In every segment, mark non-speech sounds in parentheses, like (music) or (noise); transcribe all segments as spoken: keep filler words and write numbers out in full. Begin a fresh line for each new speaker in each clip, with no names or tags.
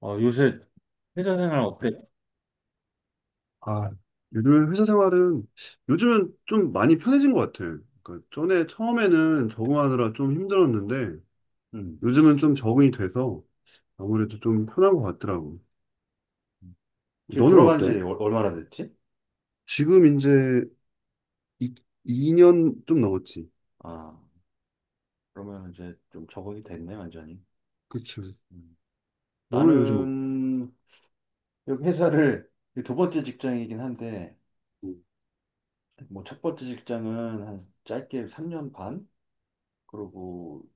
어, 요새 회사 생활 어때?
아, 요즘 회사 생활은 요즘은 좀 많이 편해진 것 같아요. 그러니까 전에 처음에는 적응하느라 좀 힘들었는데
음.
요즘은 좀 적응이 돼서 아무래도 좀 편한 것 같더라고.
지금
너는
들어간 지
어때?
얼- 얼마나 됐지?
지금 이제 이, 2년 좀 넘었지.
아, 그러면 이제 좀 적응이 됐네, 완전히.
그치.
음.
너는 요즘 뭐,
나는 여기 회사를 이두 번째 직장이긴 한데,
음,
뭐 첫 번째 직장은 한 짧게 삼 년 반? 그리고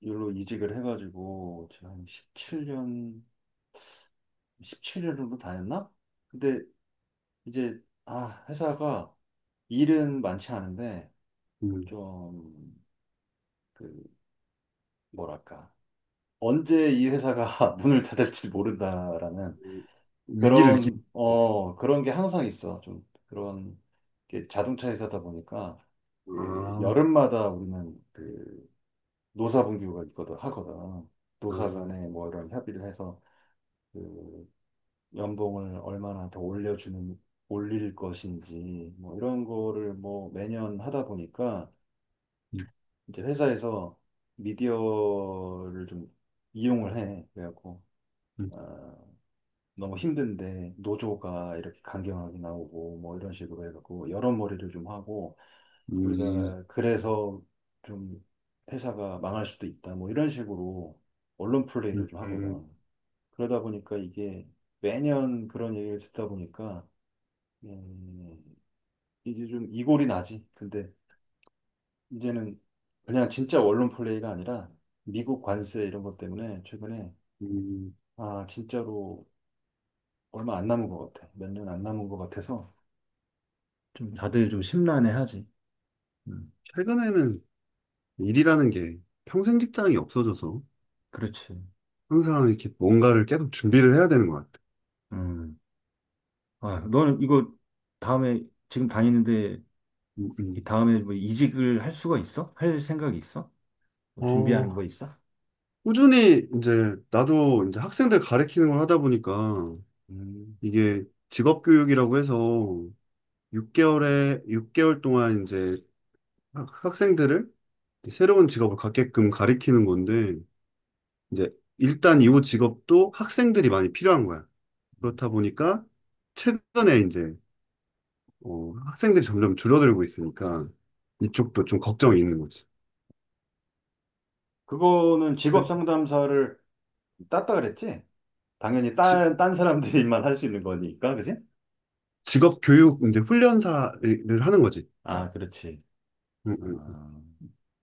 일로 이직을 해가지고 지금 한 십칠 년, 십칠 년 정도 다녔나? 근데 이제, 아, 회사가 일은 많지 않은데,
음,
좀, 그, 뭐랄까. 언제 이 회사가 (laughs) 문을 닫을지 모른다라는
위기를 느끼.
그런, 어, 그런 게 항상 있어. 좀 그런 게 자동차 회사다 보니까 그
아,
여름마다 우리는 그 노사분규가 있거든, 하거든.
아,
노사
음,
간에 뭐 이런 협의를 해서 그 연봉을 얼마나 더 올려주는, 올릴 것인지 뭐 이런 거를 뭐 매년 하다 보니까
음,
이제 회사에서 미디어를 좀 이용을 해. 그래갖고. 아, 너무 힘든데 노조가 이렇게 강경하게 나오고 뭐 이런 식으로 해갖고 여러 머리를 좀 하고
음,
우리가 그래서 좀 회사가 망할 수도 있다 뭐 이런 식으로 언론 플레이를
음,
좀
음.
하거든. 그러다 보니까 이게 매년 그런 얘기를 듣다 보니까 음, 이게 좀 이골이 나지. 근데 이제는 그냥 진짜 언론 플레이가 아니라 미국 관세 이런 것 때문에 최근에
음.
아 진짜로 얼마 안 남은 것 같아. 몇 년 안 남은 것 같아서 좀 다들 좀 심란해하지. 음,
최근에는 일이라는 게 평생 직장이 없어져서.
그렇지.
항상 이렇게 뭔가를 계속 준비를 해야 되는 것 같아요.
음. 아, 너는 이거 다음에 지금 다니는데
음,
이
음.
다음에 뭐 이직을 할 수가 있어? 할 생각이 있어? 뭐 준비하는
어,
거 있어?
꾸준히 이제 나도 이제 학생들 가르치는 걸 하다 보니까
음,
이게 직업교육이라고 해서 육 개월에 육 개월 동안 이제 학- 학생들을 새로운 직업을 갖게끔 가르치는 건데 이제 일단 이 직업도 학생들이 많이 필요한 거야.
음.
그렇다 보니까 최근에 이제 어, 학생들이 점점 줄어들고 있으니까 이쪽도 좀 걱정이 있는 거지.
그거는 직업
그-
상담사를 땄다 그랬지? 당연히
지-
딴, 딴 사람들만 (laughs) 할 수 있는 거니까, 그지?
직업 교육 이제 훈련사를 하는 거지.
아, 그렇지.
응, 응.
아,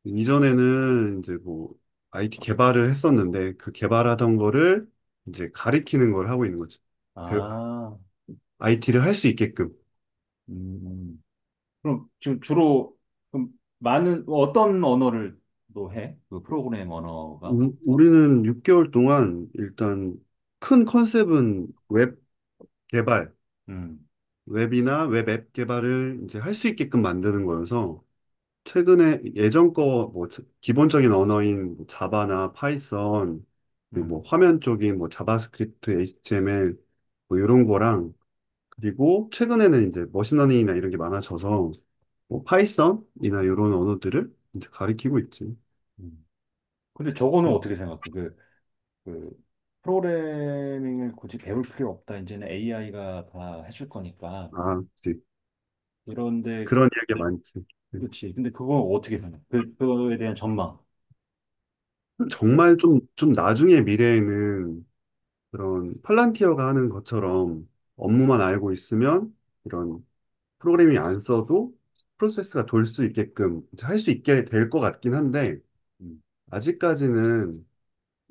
이전에는 이제 뭐 아이티 개발을 했었는데 그 개발하던 거를 이제 가리키는 걸 하고 있는 거지.
아,
아이티를 할 수 있게끔.
음. 음. 그럼 지금 주로, 그럼 많은, 어떤 언어를 또 해? 그 프로그램 언어가?
우- 우리는 육 개월 동안 일단 큰 컨셉은 웹 개발,
음.
웹이나 웹앱 개발을 이제 할 수 있게끔 만드는 거여서 최근에 예전 거 뭐 기본적인 언어인 뭐 자바나 파이썬 그리고 뭐
음,
화면 쪽인 뭐 자바스크립트, 에이치티엠엘 뭐 이런 거랑 그리고 최근에는 이제 머신러닝이나 이런 게 많아져서 뭐 파이썬이나
음,
이런 언어들을 이제 가리키고 있지.
음. 근데 저거는 어떻게 생각해? 그, 그, 프로그래밍을 굳이 배울 필요 없다. 이제는 에이아이가 다 해줄 거니까.
아, 그치.
그런데,
그런 이야기 많지. 네.
그렇지. 근데 그건 어떻게 생각해? 그, 그거에 대한 전망. (clears throat)
정말 좀, 좀 나중에 미래에는 그런 팔란티어가 하는 것처럼 업무만 알고 있으면 이런 프로그래밍 안 써도 프로세스가 돌 수 있게끔 할 수 있게 될 것 같긴 한데
음,
아직까지는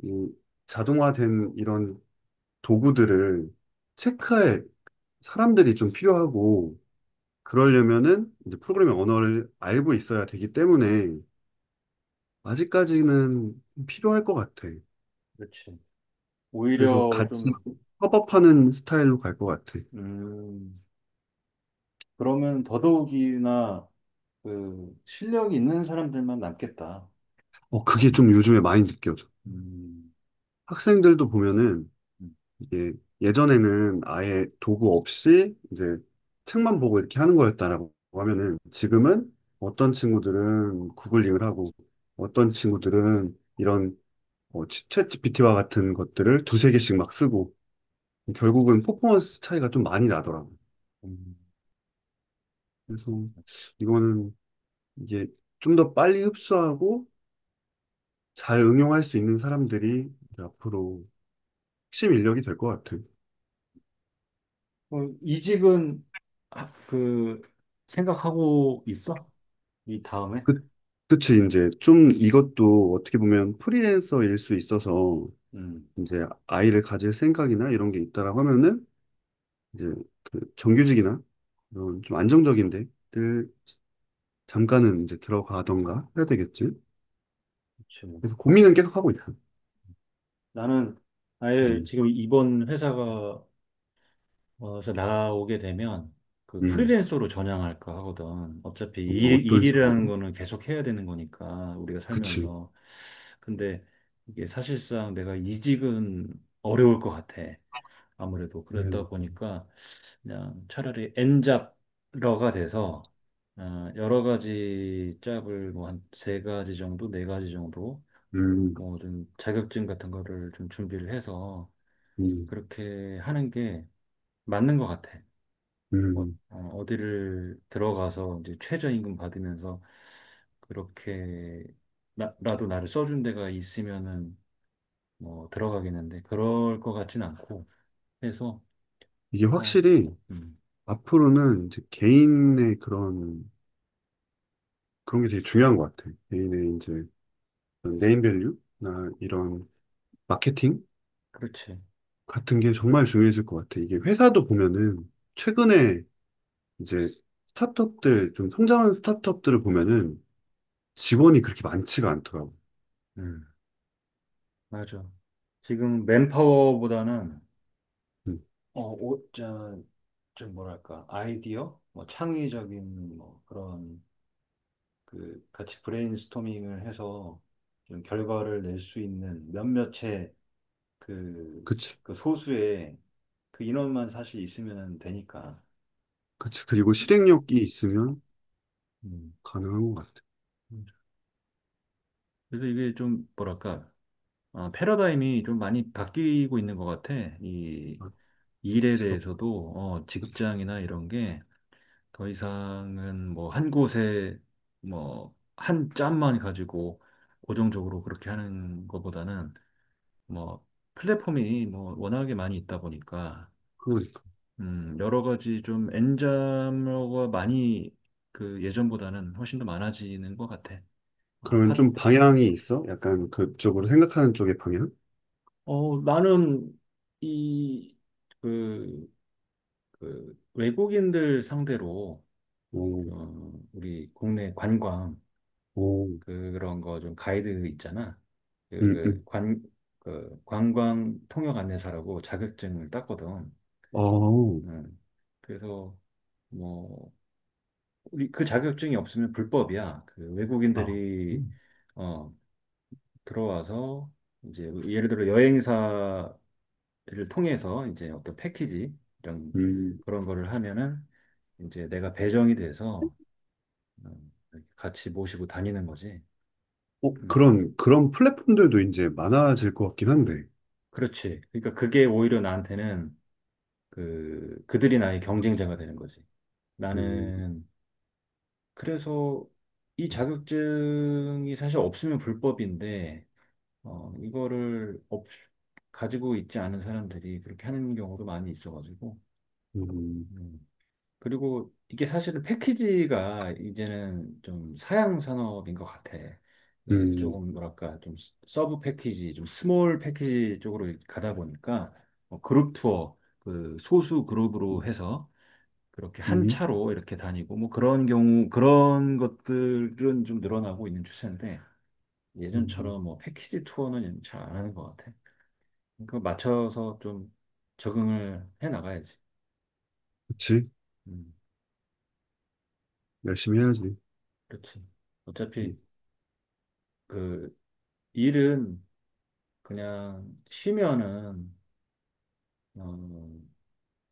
이 자동화된 이런 도구들을 체크할 사람들이 좀 필요하고 그러려면은 이제 프로그래밍 언어를 알고 있어야 되기 때문에 아직까지는 필요할 것 같아.
그렇지.
그래서
오히려
같이
좀,
협업하는 스타일로 갈 것 같아.
음, 그러면 더더욱이나 그 실력이 있는 사람들만 남겠다.
어, 그게 좀 요즘에 많이 느껴져.
음,
학생들도 보면은
음,
이게 예전에는 아예 도구 없이 이제 책만 보고 이렇게 하는 거였다라고 하면은 지금은 어떤 친구들은 구글링을 하고 어떤 친구들은 이런 어, 치- 챗 지피티와 같은 것들을 두세 개씩 막 쓰고 결국은 퍼포먼스 차이가 좀 많이 나더라고요.
음.
그래서 이거는 이제 좀 더 빨리 흡수하고 잘 응용할 수 있는 사람들이 이제 앞으로 핵심 인력이 될 것 같아요.
어, 이직은 아, 그 생각하고 있어? 이 다음에?
그, 그치, 이제 좀 이것도 어떻게 보면 프리랜서일 수 있어서
음,
이제 아이를 가질 생각이나 이런 게 있다라고 하면은 이제 그 정규직이나 이런 좀 안정적인 데를 잠깐은 이제 들어가던가 해야 되겠지.
그렇죠.
그래서 고민은 계속 하고 있어.
나는 아예
음,
지금 이번 회사가 어서 나오게 되면 그
음,
프리랜서로 전향할까 하거든. 어차피
어,
일,
어떤 식으로?
일이라는 거는 계속 해야 되는 거니까 우리가
그치.
살면서. 근데 이게 사실상 내가 이직은 어려울 것 같아. 아무래도 그러다
네.
보니까 그냥 차라리 엔잡러가 돼서 어, 여러 가지 짭을 뭐 한 세 가지 정도, 네 가지 정도
음,
뭐 좀 자격증 같은 거를 좀 준비를 해서
음,
그렇게 하는 게 맞는 것 같아. 어,
음.
어, 어디를 들어가서 이제 최저임금 받으면서 그렇게 나, 라도 나를 써준 데가 있으면은 뭐 들어가겠는데 그럴 것 같진 않고 그래서
이게
어,
확실히
음,
앞으로는 이제 개인의 그런 그런 게 되게 중요한 것 같아. 개인의 이제 네임밸류나 이런 마케팅
그렇지.
같은 게 정말 중요해질 것 같아. 이게 회사도 보면은 최근에 이제 스타트업들 좀 성장하는 스타트업들을 보면은 직원이 그렇게 많지가 않더라고.
음, 맞아. 지금 맨파워보다는
음,
어, 오, 저, 좀 뭐랄까 아이디어, 뭐 창의적인 뭐 그런 그 같이 브레인스토밍을 해서 좀 결과를 낼 수 있는 몇몇의 그,
그치,
그 소수의 그 인원만 사실 있으면 되니까.
그치. 그리고 실행력이 있으면
음.
가능한 것 같아.
음. 그래서 이게 좀 뭐랄까 어, 패러다임이 좀 많이 바뀌고 있는 것 같아. 이
아,
일에
직업
대해서도 어, 직장이나 이런 게 더 이상은 뭐 한 곳에 뭐 한 짬만 가지고 고정적으로 그렇게 하는 것보다는 뭐 플랫폼이 뭐 워낙에 많이 있다 보니까
그러니까.
음, 여러 가지 좀 N자가 많이 그 예전보다는 훨씬 더 많아지는 것 같아. 어,
그러면
팟,
좀 방향이 있어? 약간 그쪽으로 생각하는 쪽의 방향?
어, 나는 이, 그, 그 외국인들 상대로
오,
어, 우리 국내 관광
오,
그런 거 좀 가이드 있잖아. 그,
음,
그
음,
관, 그 관광 통역 안내사라고 자격증을 땄거든.
어,
음. 그래서 뭐 우리 그 자격증이 없으면 불법이야. 그
아,
외국인들이
음,
어, 들어와서 이제 예를 들어 여행사를 통해서 이제 어떤 패키지 이런
음.
그런 거를 하면은 이제 내가 배정이 돼서 음, 같이 모시고 다니는 거지.
어,
음,
그런 그런 플랫폼들도 이제 많아질 것 같긴 한데.
그렇지. 그러니까 그게 오히려 나한테는 그 그들이 나의 경쟁자가 되는 거지.
음,
나는 그래서 이 자격증이 사실 없으면 불법인데 어, 이거를 없, 가지고 있지 않은 사람들이 그렇게 하는 경우도 많이 있어가지고.
음.
음. 그리고 이게 사실은 패키지가 이제는 좀 사양 산업인 것 같아. 예,
음,
조금 뭐랄까, 좀 스- 서브 패키지, 좀 스몰 패키지 쪽으로 가다 보니까 뭐 그룹 투어, 그 소수 그룹으로 해서 그렇게 한
음,
차로 이렇게 다니고 뭐 그런 경우, 그런 것들은 좀 늘어나고 있는 추세인데
음,
예전처럼 뭐 패키지 투어는 잘 안 하는 것 같아. 그 맞춰서 좀 적응을 해 나가야지.
그치.
음,
열심히 해야지.
그렇지. 어차피
음,
그 일은 그냥 쉬면은 어,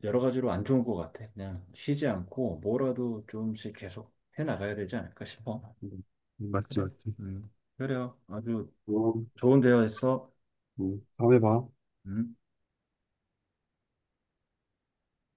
여러 가지로 안 좋은 것 같아. 그냥 쉬지 않고 뭐라도 좀씩 계속 해 나가야 되지 않을까 싶어.
음, 맞지,
그래.
맞지.
음, 그래요. 아주
어,
좋은 대화였어.
음, 다음에 봐.
음.